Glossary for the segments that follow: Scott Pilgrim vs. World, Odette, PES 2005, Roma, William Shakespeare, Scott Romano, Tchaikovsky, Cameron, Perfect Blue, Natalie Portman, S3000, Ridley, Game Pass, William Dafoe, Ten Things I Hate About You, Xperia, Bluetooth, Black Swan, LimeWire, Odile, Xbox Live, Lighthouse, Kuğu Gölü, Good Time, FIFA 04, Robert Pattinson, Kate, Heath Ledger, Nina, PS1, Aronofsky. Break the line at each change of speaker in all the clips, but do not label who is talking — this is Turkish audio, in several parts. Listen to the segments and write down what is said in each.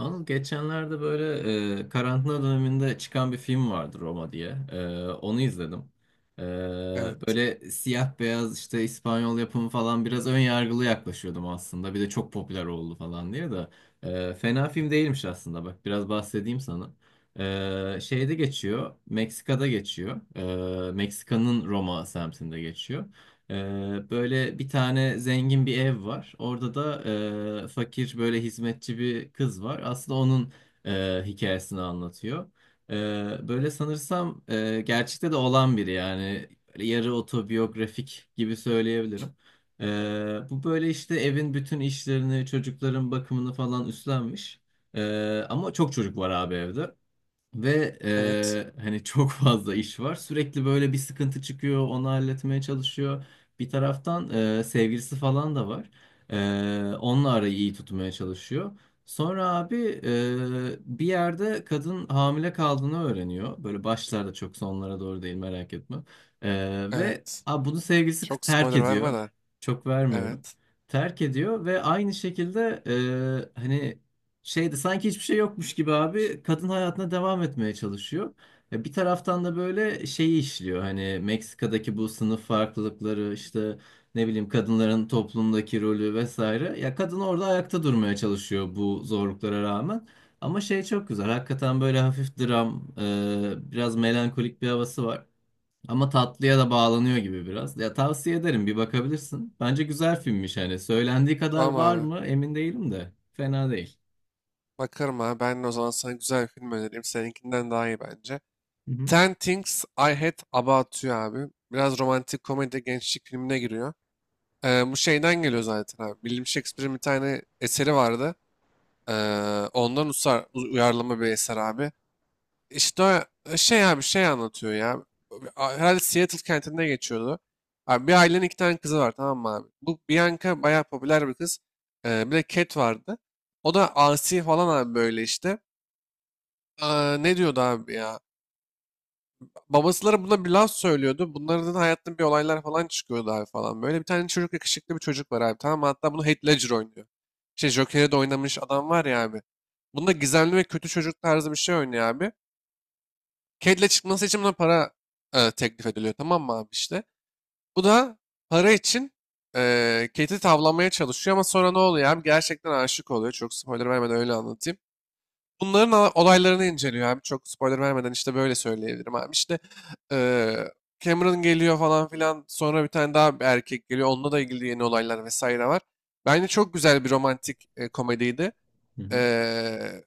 Anıl geçenlerde böyle karantina döneminde çıkan bir film vardı Roma diye. Onu izledim. E,
Evet,
Böyle siyah beyaz işte İspanyol yapımı falan biraz ön yargılı yaklaşıyordum aslında. Bir de çok popüler oldu falan diye de. Fena film değilmiş aslında bak biraz bahsedeyim sana. Şeyde geçiyor, Meksika'da geçiyor. Meksika'nın Roma semtinde geçiyor. Böyle bir tane zengin bir ev var. Orada da fakir böyle hizmetçi bir kız var. Aslında onun hikayesini anlatıyor. Ee, Böyle sanırsam gerçekte de olan biri yani. Böyle yarı otobiyografik gibi söyleyebilirim. Bu böyle işte evin bütün işlerini, çocukların bakımını falan üstlenmiş. Ama çok çocuk var abi evde. Ve
evet,
hani çok fazla iş var. Sürekli böyle bir sıkıntı çıkıyor, onu halletmeye çalışıyor. Bir taraftan sevgilisi falan da var. Onunla arayı iyi tutmaya çalışıyor. Sonra abi bir yerde kadın hamile kaldığını öğreniyor. Böyle başlarda çok sonlara doğru değil merak etme. Eee, ve
evet.
a, bunu sevgilisi
Çok
terk
spoiler verme
ediyor.
de.
Çok vermiyorum.
Evet.
Terk ediyor ve aynı şekilde hani şeyde sanki hiçbir şey yokmuş gibi abi kadın hayatına devam etmeye çalışıyor. Ya bir taraftan da böyle şeyi işliyor hani Meksika'daki bu sınıf farklılıkları işte ne bileyim kadınların toplumdaki rolü vesaire. Ya kadın orada ayakta durmaya çalışıyor bu zorluklara rağmen. Ama şey çok güzel hakikaten böyle hafif dram biraz melankolik bir havası var. Ama tatlıya da bağlanıyor gibi biraz. Ya tavsiye ederim bir bakabilirsin. Bence güzel filmmiş hani. Söylendiği kadar
Tamam
var
abi.
mı emin değilim de. Fena değil.
Bakarım abi. Ben de o zaman sana güzel bir film önereyim. Seninkinden daha iyi bence.
Hı hı.
Ten Things I Hate About You abi. Biraz romantik komedi gençlik filmine giriyor. Bu şeyden geliyor zaten abi. William Shakespeare'in bir tane eseri vardı. Ondan uyarlama bir eser abi. İşte şey abi şey anlatıyor ya. Herhalde Seattle kentinde geçiyordu. Abi bir ailenin iki tane kızı var, tamam mı abi? Bu Bianca bayağı popüler bir kız. Bir de Cat vardı. O da asi falan abi böyle işte. Aa, ne diyordu abi ya? Babasıları buna bir laf söylüyordu. Bunların da hayatında bir olaylar falan çıkıyordu abi falan. Böyle bir tane çocuk, yakışıklı bir çocuk var abi, tamam mı? Hatta bunu Heath Ledger oynuyor. Şey, Joker'e de oynamış adam var ya abi. Bunda gizemli ve kötü çocuk tarzı bir şey oynuyor abi. Kedle çıkması için buna para teklif ediliyor, tamam mı abi, işte. Bu da para için Kate'i tavlamaya çalışıyor ama sonra ne oluyor abi? Gerçekten aşık oluyor. Çok spoiler vermeden öyle anlatayım. Olaylarını inceliyor abi. Çok spoiler vermeden işte böyle söyleyebilirim abi. İşte e, Cameron geliyor falan filan. Sonra bir tane daha bir erkek geliyor. Onunla da ilgili yeni olaylar vesaire var. Bence çok güzel bir romantik komediydi.
Hı hı.
E,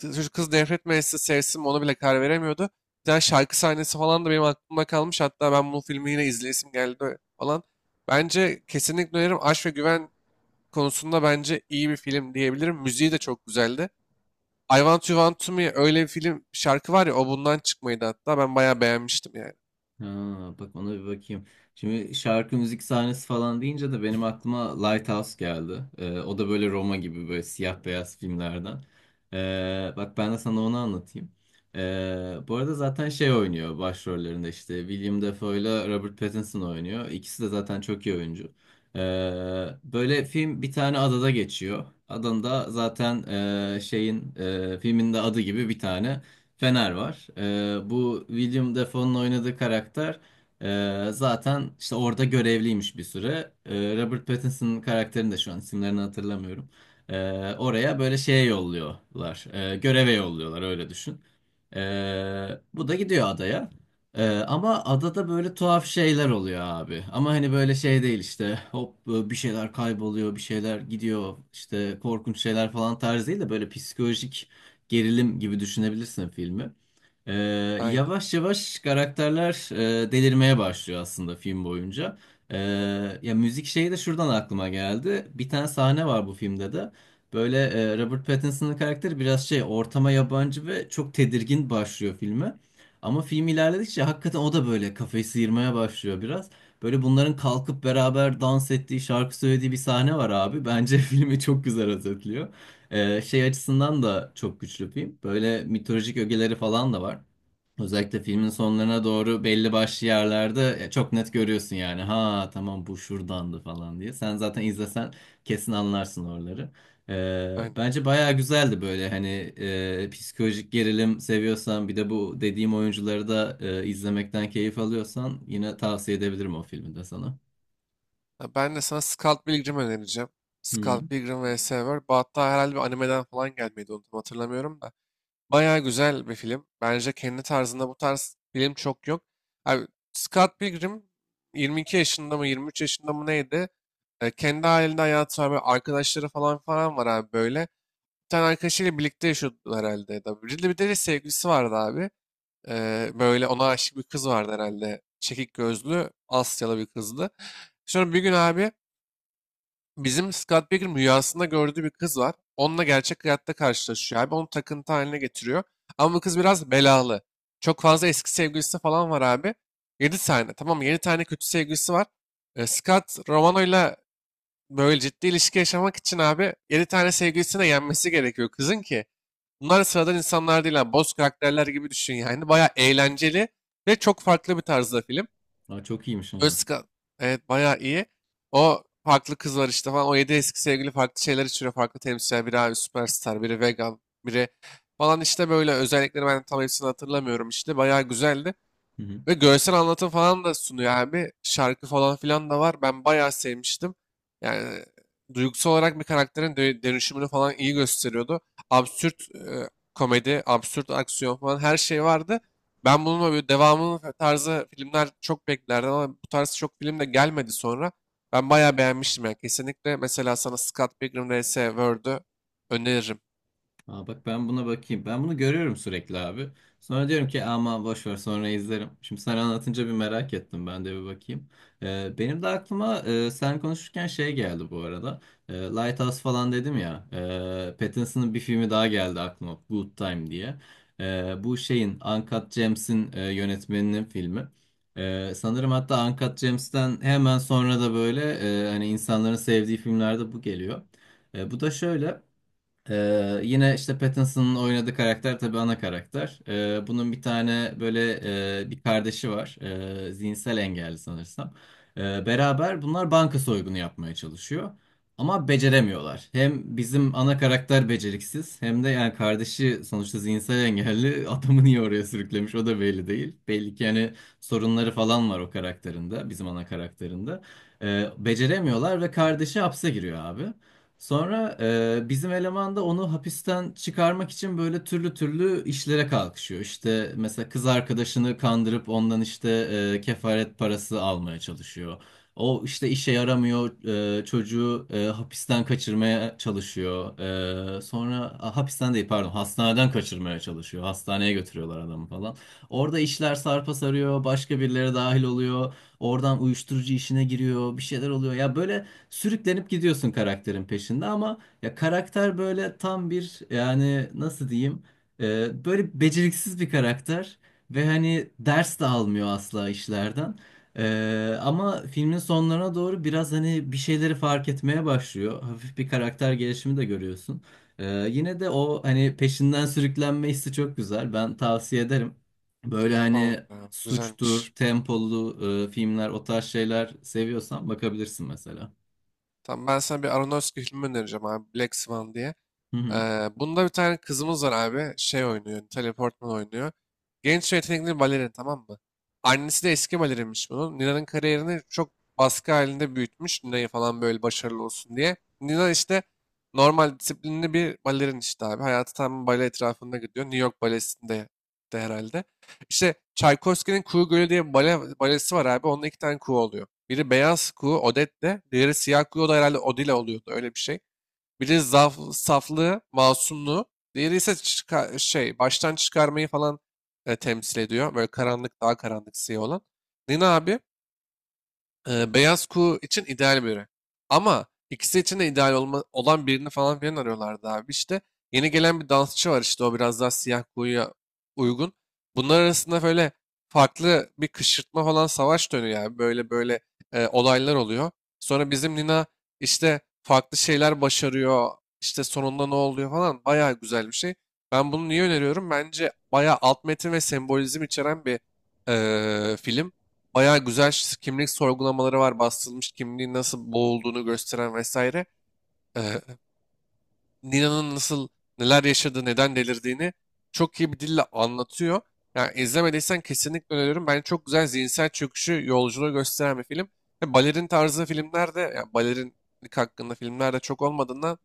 Çocuk kız nefret mi sevsin mi, ona bile karar veremiyordu. Bir tane şarkı sahnesi falan da benim aklımda kalmış. Hatta ben bu filmi yine izleyesim geldi falan. Bence kesinlikle öneririm. Aşk ve Güven konusunda bence iyi bir film diyebilirim. Müziği de çok güzeldi. I Want You Want To Me, öyle bir film şarkı var ya, o bundan çıkmaydı hatta. Ben bayağı beğenmiştim yani.
Ha, bak ona bir bakayım. Şimdi şarkı müzik sahnesi falan deyince de benim aklıma Lighthouse geldi. O da böyle Roma gibi böyle siyah beyaz filmlerden. Bak ben de sana onu anlatayım. Bu arada zaten şey oynuyor başrollerinde işte William Dafoe ile Robert Pattinson oynuyor. İkisi de zaten çok iyi oyuncu. Ee, Böyle film bir tane adada geçiyor. Adında zaten şeyin filmin de adı gibi bir tane. Fener var. Bu William Dafoe'nun oynadığı karakter zaten işte orada görevliymiş bir süre. Robert Pattinson'ın karakterini de şu an isimlerini hatırlamıyorum. Ee, Oraya böyle şeye yolluyorlar. Göreve yolluyorlar öyle düşün. Bu da gidiyor adaya. Ama adada böyle tuhaf şeyler oluyor abi. Ama hani böyle şey değil işte hop bir şeyler kayboluyor, bir şeyler gidiyor işte korkunç şeyler falan tarzı değil de böyle psikolojik gerilim gibi düşünebilirsin filmi. Ee,
Aynen.
Yavaş yavaş karakterler delirmeye başlıyor aslında film boyunca. Ee, Ya müzik şeyi de şuradan aklıma geldi. Bir tane sahne var bu filmde de. Böyle Robert Pattinson'ın karakteri biraz şey ortama yabancı ve çok tedirgin başlıyor filme. Ama film ilerledikçe hakikaten o da böyle kafayı sıyırmaya başlıyor biraz. Böyle bunların kalkıp beraber dans ettiği, şarkı söylediği bir sahne var abi. Bence filmi çok güzel özetliyor. Şey açısından da çok güçlü film. Böyle mitolojik ögeleri falan da var. Özellikle filmin sonlarına doğru belli başlı yerlerde çok net görüyorsun yani. Ha tamam bu şuradandı falan diye. Sen zaten izlesen kesin anlarsın oraları.
Aynen.
Bence bayağı güzeldi böyle hani psikolojik gerilim seviyorsan bir de bu dediğim oyuncuları da izlemekten keyif alıyorsan yine tavsiye edebilirim o filmi de sana.
Ha, ben de sana Scott Pilgrim önereceğim.
Hı.
Scott Pilgrim vs. World. Bu hatta herhalde bir animeden falan gelmeydi, onu tam hatırlamıyorum da. Bayağı güzel bir film. Bence kendi tarzında bu tarz film çok yok. Abi, Scott Pilgrim 22 yaşında mı 23 yaşında mı neydi? E, kendi halinde hayatı var. Böyle arkadaşları falan var abi böyle. Bir tane arkadaşıyla birlikte yaşıyordu herhalde. Ya da Ridley, bir de sevgilisi vardı abi. E, böyle ona aşık bir kız vardı herhalde. Çekik gözlü Asyalı bir kızdı. Sonra bir gün abi, bizim Scott Pilgrim rüyasında gördüğü bir kız var. Onunla gerçek hayatta karşılaşıyor abi. Onu takıntı haline getiriyor. Ama bu kız biraz belalı. Çok fazla eski sevgilisi falan var abi. 7 tane. Tamam mı? Yedi tane kötü sevgilisi var. E, Scott Romano'yla böyle ciddi ilişki yaşamak için abi, 7 tane sevgilisine yenmesi gerekiyor kızın ki. Bunlar sıradan insanlar değil. Boz karakterler gibi düşün yani. Baya eğlenceli ve çok farklı bir tarzda film.
Aa, çok iyiymiş ha.
Özkan. Evet, bayağı iyi. O farklı kız var işte falan. O yedi eski sevgili farklı şeyler içiriyor. Farklı temsilciler. Biri abi süperstar, biri vegan, biri falan işte, böyle özellikleri ben tam hepsini hatırlamıyorum işte. Bayağı güzeldi.
Hı hı.
Ve görsel anlatım falan da sunuyor abi. Şarkı falan filan da var. Ben bayağı sevmiştim. Yani duygusal olarak bir karakterin dönüşümünü falan iyi gösteriyordu. Absürt komedi, absürt aksiyon falan, her şey vardı. Ben bununla böyle devamının tarzı filmler çok beklerdim ama bu tarz çok film de gelmedi sonra. Ben bayağı beğenmiştim yani, kesinlikle. Mesela sana Scott Pilgrim vs. World'ü öneririm.
Aa, bak ben buna bakayım. Ben bunu görüyorum sürekli abi. Sonra diyorum ki aman boş ver sonra izlerim. Şimdi sen anlatınca bir merak ettim. Ben de bir bakayım. Benim de aklıma sen konuşurken şey geldi bu arada. Lighthouse falan dedim ya. Pattinson'ın bir filmi daha geldi aklıma. Good Time diye. Bu şeyin Uncut James'in yönetmeninin filmi. Sanırım hatta Uncut James'ten hemen sonra da böyle hani insanların sevdiği filmlerde bu geliyor. Bu da şöyle. Yine işte Pattinson'ın oynadığı karakter tabii ana karakter. Bunun bir tane böyle bir kardeşi var. Zihinsel engelli sanırsam. Beraber bunlar banka soygunu yapmaya çalışıyor. Ama beceremiyorlar. Hem bizim ana karakter beceriksiz hem de yani kardeşi sonuçta zihinsel engelli adamı niye oraya sürüklemiş o da belli değil. Belli ki hani sorunları falan var o karakterinde bizim ana karakterinde. Beceremiyorlar ve kardeşi hapse giriyor abi. Sonra bizim eleman da onu hapisten çıkarmak için böyle türlü türlü işlere kalkışıyor. İşte mesela kız arkadaşını kandırıp ondan işte kefaret parası almaya çalışıyor. O işte işe yaramıyor, çocuğu hapisten kaçırmaya çalışıyor. Sonra hapisten değil pardon hastaneden kaçırmaya çalışıyor. Hastaneye götürüyorlar adamı falan. Orada işler sarpa sarıyor, başka birileri dahil oluyor. Oradan uyuşturucu işine giriyor, bir şeyler oluyor. Ya böyle sürüklenip gidiyorsun karakterin peşinde ama ya karakter böyle tam bir yani nasıl diyeyim böyle beceriksiz bir karakter ve hani ders de almıyor asla işlerden. Ama filmin sonlarına doğru biraz hani bir şeyleri fark etmeye başlıyor. Hafif bir karakter gelişimi de görüyorsun. E, Yine de o hani peşinden sürüklenme hissi çok güzel. Ben tavsiye ederim. Böyle
Tamam
hani
ya,
suçtur,
güzelmiş.
tempolu filmler o tarz şeyler seviyorsan bakabilirsin mesela.
Tamam, ben sana bir Aronofsky filmi önereceğim abi. Black Swan diye.
Hı hı,
Bunda bir tane kızımız var abi. Şey oynuyor. Natalie Portman oynuyor. Genç ve yetenekli balerin, tamam mı? Annesi de eski balerinmiş bunun. Nina'nın kariyerini çok baskı halinde büyütmüş. Nina'yı falan böyle başarılı olsun diye. Nina işte normal disiplinli bir balerin işte abi. Hayatı tam bale etrafında gidiyor. New York balesinde de herhalde. İşte Tchaikovsky'nin Kuğu Gölü diye bir balesi var abi. Onda iki tane kuğu oluyor. Biri beyaz kuğu Odette'le, diğeri siyah kuğu, o da herhalde Odile oluyordu. Öyle bir şey. Biri saflığı, masumluğu. Diğeri ise baştan çıkarmayı falan temsil ediyor. Böyle karanlık, daha karanlık siyah olan. Nina abi beyaz kuğu için ideal biri. Ama ikisi için de olan birini falan filan arıyorlardı abi. İşte yeni gelen bir dansçı var işte, o biraz daha siyah kuğuya uygun. Bunlar arasında böyle farklı bir kışkırtma falan, savaş dönüyor yani. Böyle olaylar oluyor. Sonra bizim Nina işte farklı şeyler başarıyor. İşte sonunda ne oluyor falan. Bayağı güzel bir şey. Ben bunu niye öneriyorum? Bence bayağı alt metin ve sembolizm içeren bir film. Bayağı güzel kimlik sorgulamaları var. Bastırılmış kimliğin nasıl boğulduğunu gösteren vesaire. Ee, Nina'nın nasıl neler yaşadığı, neden delirdiğini çok iyi bir dille anlatıyor. Yani izlemediysen kesinlikle öneririm. Ben çok güzel zihinsel çöküşü, yolculuğu gösteren bir film. Ve balerin tarzı filmlerde, yani balerinlik hakkında filmlerde çok olmadığından,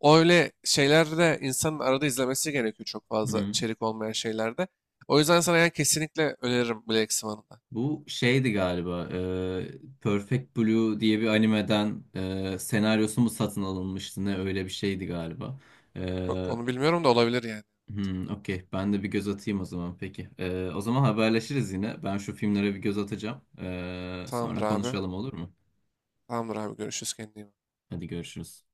o öyle şeylerde insanın arada izlemesi gerekiyor, çok
hı
fazla
hı.
içerik olmayan şeylerde. O yüzden sana yani kesinlikle öneririm Black Swan'ı da.
Bu şeydi galiba Perfect Blue diye bir animeden senaryosu mu satın alınmıştı ne öyle bir şeydi galiba. E,
Çok onu bilmiyorum da, olabilir yani.
hmm, okey ben de bir göz atayım o zaman peki. O zaman haberleşiriz yine ben şu filmlere bir göz atacağım.
Tamamdır
Sonra
abi.
konuşalım olur mu?
Tamamdır abi. Görüşürüz. Kendine iyi bak.
Hadi görüşürüz.